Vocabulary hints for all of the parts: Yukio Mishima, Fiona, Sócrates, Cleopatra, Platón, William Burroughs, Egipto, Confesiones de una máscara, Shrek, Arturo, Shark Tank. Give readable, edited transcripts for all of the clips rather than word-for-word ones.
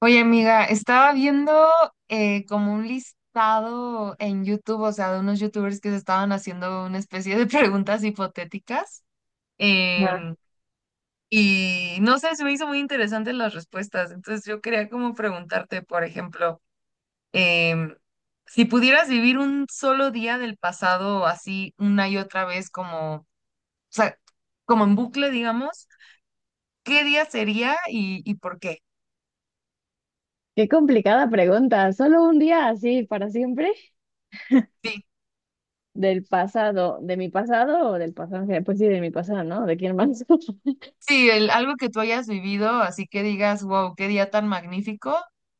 Oye, amiga, estaba viendo como un listado en YouTube, o sea, de unos YouTubers que se estaban haciendo una especie de preguntas hipotéticas. Ajá. em, y no sé, se me hizo muy interesante las respuestas. Entonces yo quería como preguntarte, por ejemplo, em, si pudieras vivir un solo día del pasado así una y otra vez, como, o sea, como en bucle, digamos, ¿qué día sería y por qué? Qué complicada pregunta. ¿Solo un día así para siempre Sí. del pasado, de mi pasado o del pasado en general? Pues sí, de mi pasado, ¿no? ¿De quién más? Sí, algo que tú hayas vivido, así que digas, wow, qué día tan magnífico.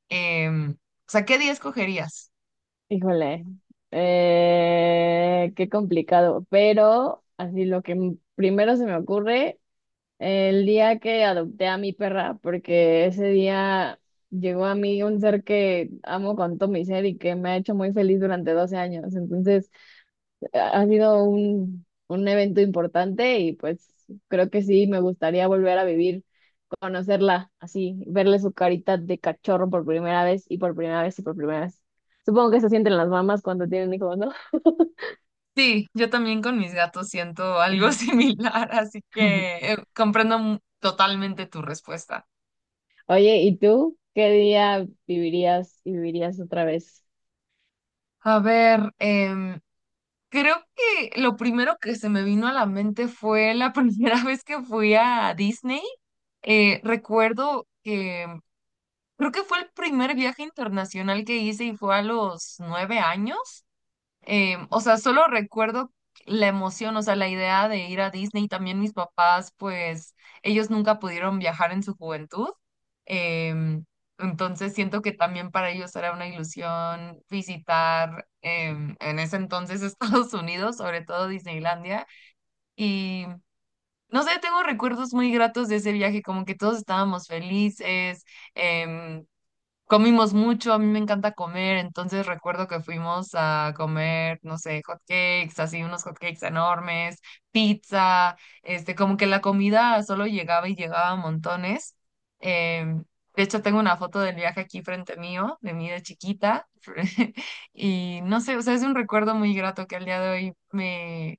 O sea, ¿qué día escogerías? Híjole, qué complicado. Pero así lo que primero se me ocurre, el día que adopté a mi perra, porque ese día llegó a mí un ser que amo con todo mi ser y que me ha hecho muy feliz durante 12 años. Entonces ha sido un evento importante y pues creo que sí, me gustaría volver a vivir, conocerla así, verle su carita de cachorro por primera vez y por primera vez y por primera vez. Supongo que eso sienten las mamás cuando tienen hijos, ¿no? Sí, yo también con mis gatos siento algo similar, así que comprendo totalmente tu respuesta. Oye, ¿y tú qué día vivirías y vivirías otra vez? A ver, creo que lo primero que se me vino a la mente fue la primera vez que fui a Disney. Recuerdo que creo que fue el primer viaje internacional que hice y fue a los 9 años. O sea, solo recuerdo la emoción, o sea, la idea de ir a Disney. También mis papás, pues, ellos nunca pudieron viajar en su juventud. Em, entonces siento que también para ellos era una ilusión visitar en ese entonces Estados Unidos, sobre todo Disneylandia. Y no sé, tengo recuerdos muy gratos de ese viaje, como que todos estábamos felices. em, Comimos mucho, a mí me encanta comer, entonces recuerdo que fuimos a comer, no sé, hot cakes, así unos hot cakes enormes, pizza, este, como que la comida solo llegaba y llegaba a montones. Em, de hecho, tengo una foto del viaje aquí frente mío, de mí de chiquita, y no sé, o sea, es un recuerdo muy grato que al día de hoy me...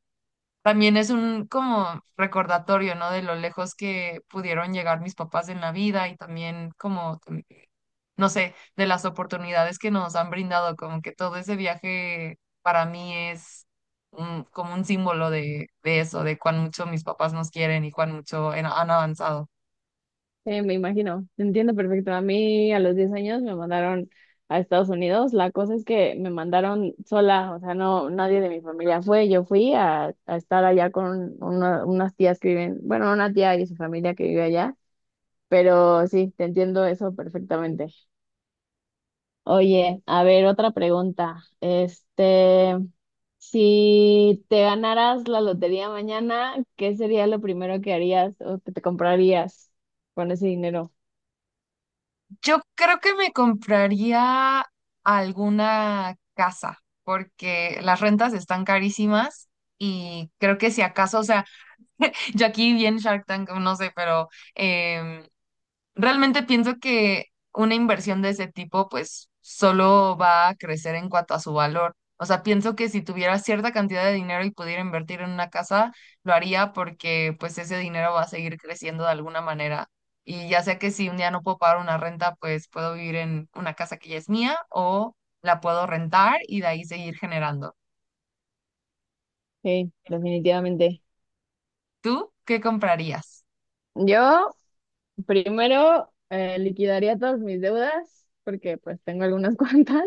También es un como recordatorio, ¿no? De lo lejos que pudieron llegar mis papás en la vida y también como no sé, de las oportunidades que nos han brindado, como que todo ese viaje para mí es un- como un símbolo de eso, de cuán mucho mis papás nos quieren y cuán mucho en- han avanzado. Me imagino, te entiendo perfecto. A mí a los 10 años me mandaron a Estados Unidos. La cosa es que me mandaron sola, o sea, no, nadie de mi familia fue. Yo fui a estar allá con unas tías que viven, bueno, una tía y su familia que vive allá, pero sí, te entiendo eso perfectamente. Oye, a ver, otra pregunta. Este, si te ganaras la lotería mañana, ¿qué sería lo primero que harías o que te comprarías con ese dinero? Yo creo que me compraría alguna casa, porque las rentas están carísimas y creo que si acaso, o sea, yo aquí vi en Shark Tank, no sé, pero em, realmente pienso que una inversión de ese tipo, pues, solo va a crecer en cuanto a su valor. O sea, pienso que si tuviera cierta cantidad de dinero y pudiera invertir en una casa, lo haría porque, pues, ese dinero va a seguir creciendo de alguna manera. Y ya sea que si un día no puedo pagar una renta, pues puedo vivir en una casa que ya es mía o la puedo rentar y de ahí seguir generando. Sí, definitivamente. ¿Tú qué comprarías? Yo primero liquidaría todas mis deudas porque pues tengo algunas cuantas.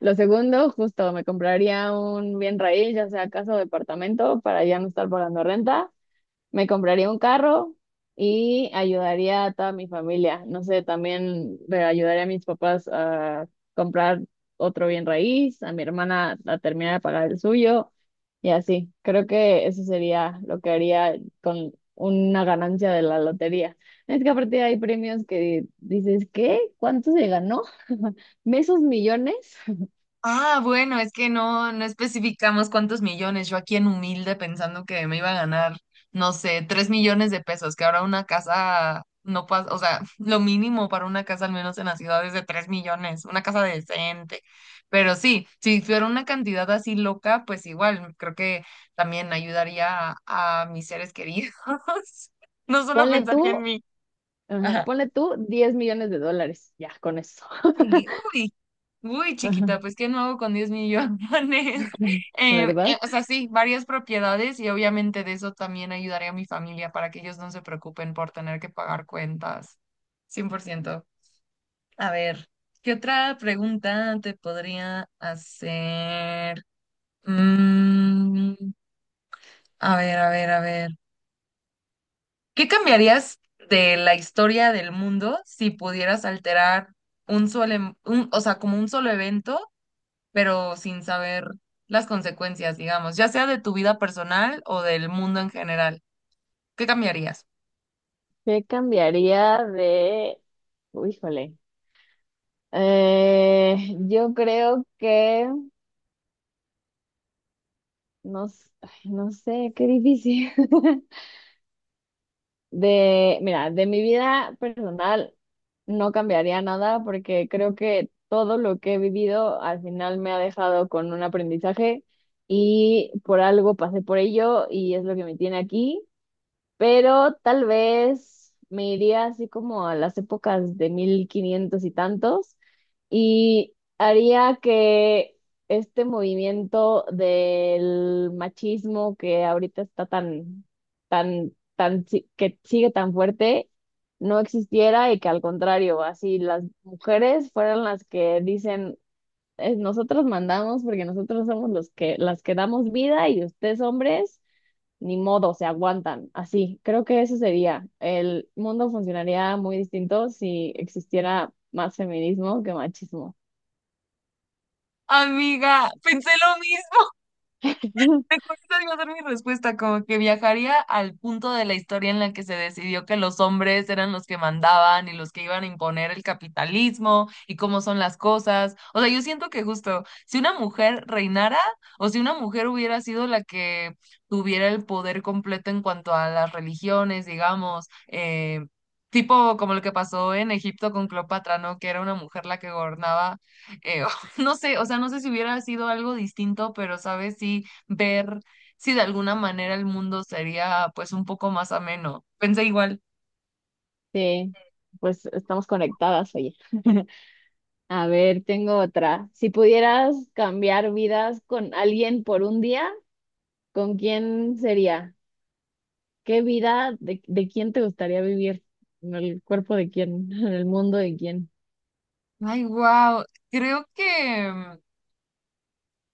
Lo segundo, justo me compraría un bien raíz, ya sea casa o departamento, para ya no estar pagando renta. Me compraría un carro y ayudaría a toda mi familia. No sé, también ayudaría a mis papás a comprar otro bien raíz, a mi hermana a terminar de pagar el suyo y así. Creo que eso sería lo que haría con una ganancia de la lotería. Es que aparte hay premios que dices, ¿qué? ¿Cuánto se ganó? ¿Mesos millones? Ah, bueno, es que no especificamos cuántos millones. Yo aquí en humilde pensando que me iba a ganar, no sé, 3 millones de pesos, que ahora una casa no pasa, o sea, lo mínimo para una casa, al menos en la ciudad, es de 3 millones, una casa decente. Pero sí, si fuera una cantidad así loca, pues igual, creo que también ayudaría a mis seres queridos. No solo Ponle pensaría tú, en mí. ajá, Ajá. ponle tú 10 millones de dólares. Ya, con eso. Ay, uy, uy, Ajá. chiquita, pues ¿qué no hago con 10 millones? ¿Verdad? O sea, sí, varias propiedades y obviamente de eso también ayudaré a mi familia para que ellos no se preocupen por tener que pagar cuentas. 100%. A ver, ¿qué otra pregunta te podría hacer? Mm, a ver, a ver, a ver. ¿Qué cambiarías de la historia del mundo si pudieras alterar un solo, o sea, como un solo evento? Pero sin saber las consecuencias, digamos, ya sea de tu vida personal o del mundo en general. ¿Qué cambiaría? ¿Qué cambiaría de... Uy, híjole. Yo creo que... No, ay, no sé, qué difícil. De, mira, de mi vida personal no cambiaría nada porque creo que todo lo que he vivido al final me ha dejado con un aprendizaje y por algo pasé por ello y es lo que me tiene aquí. Pero tal vez me iría así como a las épocas de 1500 y tantos y haría que este movimiento del machismo que ahorita está tan, tan, tan, que sigue tan fuerte, no existiera y que al contrario, así las mujeres fueran las que dicen, nosotros mandamos porque nosotros somos los que, las que damos vida y ustedes hombres ni modo, se aguantan". Así, creo que eso sería. El mundo funcionaría muy distinto si existiera más feminismo que machismo. Amiga, pensé lo mismo. Mejor esa iba a ser mi respuesta, como que viajaría al punto de la historia en la que se decidió que los hombres eran los que mandaban y los que iban a imponer el capitalismo y cómo son las cosas. O sea, yo siento que justo si una mujer reinara o si una mujer hubiera sido la que tuviera el poder completo en cuanto a las religiones, digamos, tipo como lo que pasó en Egipto con Cleopatra, ¿no? Que era una mujer la que gobernaba. eh, no sé, o sea, no sé si hubiera sido algo distinto, pero, ¿sabes? Sí ver si de alguna manera el mundo sería pues un poco más ameno. Pensé igual. Sí, pues estamos conectadas, oye. A ver, tengo otra. Si pudieras cambiar vidas con alguien por un día, ¿con quién sería? ¿Qué vida de quién te gustaría vivir? ¿En el cuerpo de quién? ¿En el mundo de quién? Ay, wow. Creo que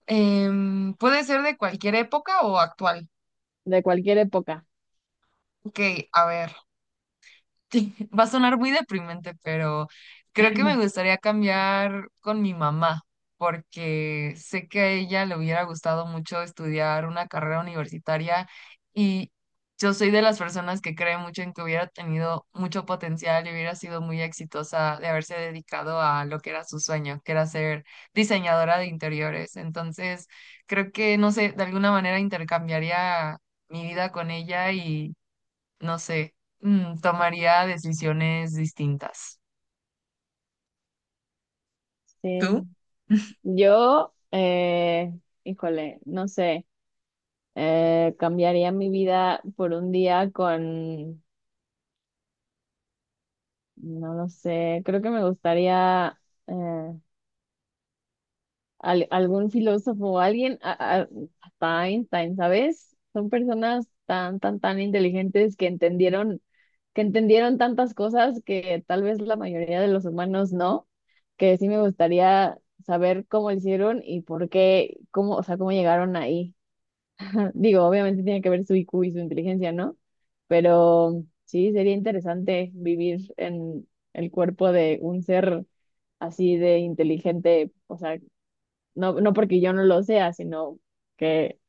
puede ser de cualquier época o actual. De cualquier época. Ok, a ver. Va a sonar muy deprimente, pero creo que me gustaría cambiar con mi mamá, porque sé que a ella le hubiera gustado mucho estudiar una carrera universitaria y yo soy de las personas que cree mucho en que hubiera tenido mucho potencial y hubiera sido muy exitosa de haberse dedicado a lo que era su sueño, que era ser diseñadora de interiores. Entonces, creo que, no sé, de alguna manera intercambiaría mi vida con ella no sé, tomaría decisiones distintas. Sí. ¿Tú? Yo, híjole, no sé. Cambiaría mi vida por un día con, no lo sé, creo que me gustaría eh, algún filósofo o alguien, hasta Einstein, ¿sabes? Son personas tan, tan, tan inteligentes que entendieron tantas cosas que tal vez la mayoría de los humanos no, que sí me gustaría saber cómo lo hicieron y por qué, cómo, o sea, cómo llegaron ahí. Digo, obviamente tiene que ver su IQ y su inteligencia, ¿no? Pero sí, sería interesante vivir en el cuerpo de un ser así de inteligente, o sea, no, no porque yo no lo sea, sino que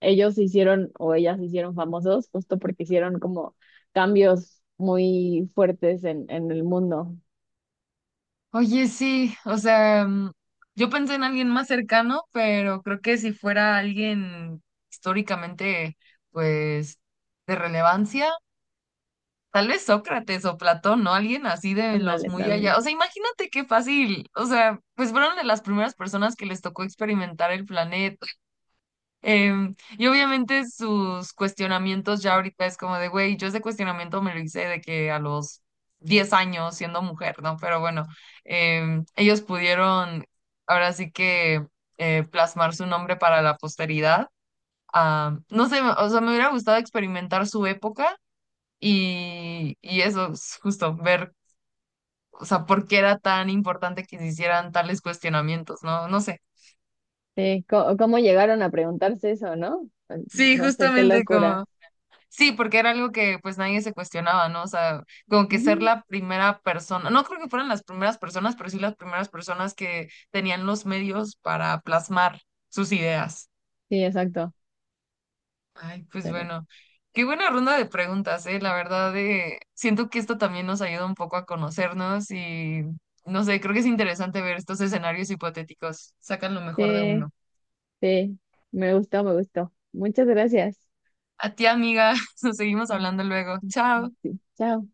ellos se hicieron o ellas se hicieron famosos justo porque hicieron como cambios muy fuertes en el mundo. Oye, sí, o sea, mm, yo pensé en alguien más cercano, pero creo que si fuera alguien históricamente, pues, de relevancia, tal vez Sócrates o Platón, ¿no? Alguien así de los Ándale, muy allá. también. O sea, imagínate qué fácil. O sea, pues fueron de las primeras personas que les tocó experimentar el planeta. Y obviamente sus cuestionamientos ya ahorita es como de, güey, yo ese cuestionamiento me lo hice de que a los 10 años siendo mujer, ¿no? Pero bueno, ellos pudieron ahora sí que plasmar su nombre para la posteridad. Ah, no sé, o sea, me hubiera gustado experimentar su época y eso, es justo ver, o sea, por qué era tan importante que se hicieran tales cuestionamientos, ¿no? No sé. Sí, ¿cómo llegaron a preguntarse eso, no? Sí, No sé, qué justamente como... locura. Sí, porque era algo que pues nadie se cuestionaba, ¿no? O sea, como que ser Ujú. la primera persona, no creo que fueran las primeras personas, pero sí las primeras personas que tenían los medios para plasmar sus ideas. Sí, exacto. Ay, pues bueno, qué buena ronda de preguntas, ¿eh? La verdad, siento que esto también nos ayuda un poco a conocernos y, no sé, creo que es interesante ver estos escenarios hipotéticos, sacan lo mejor de uno. Sí. Sí, me gustó, me gustó. Muchas gracias. A ti, amiga, nos seguimos hablando luego. Chao. Sí, chao.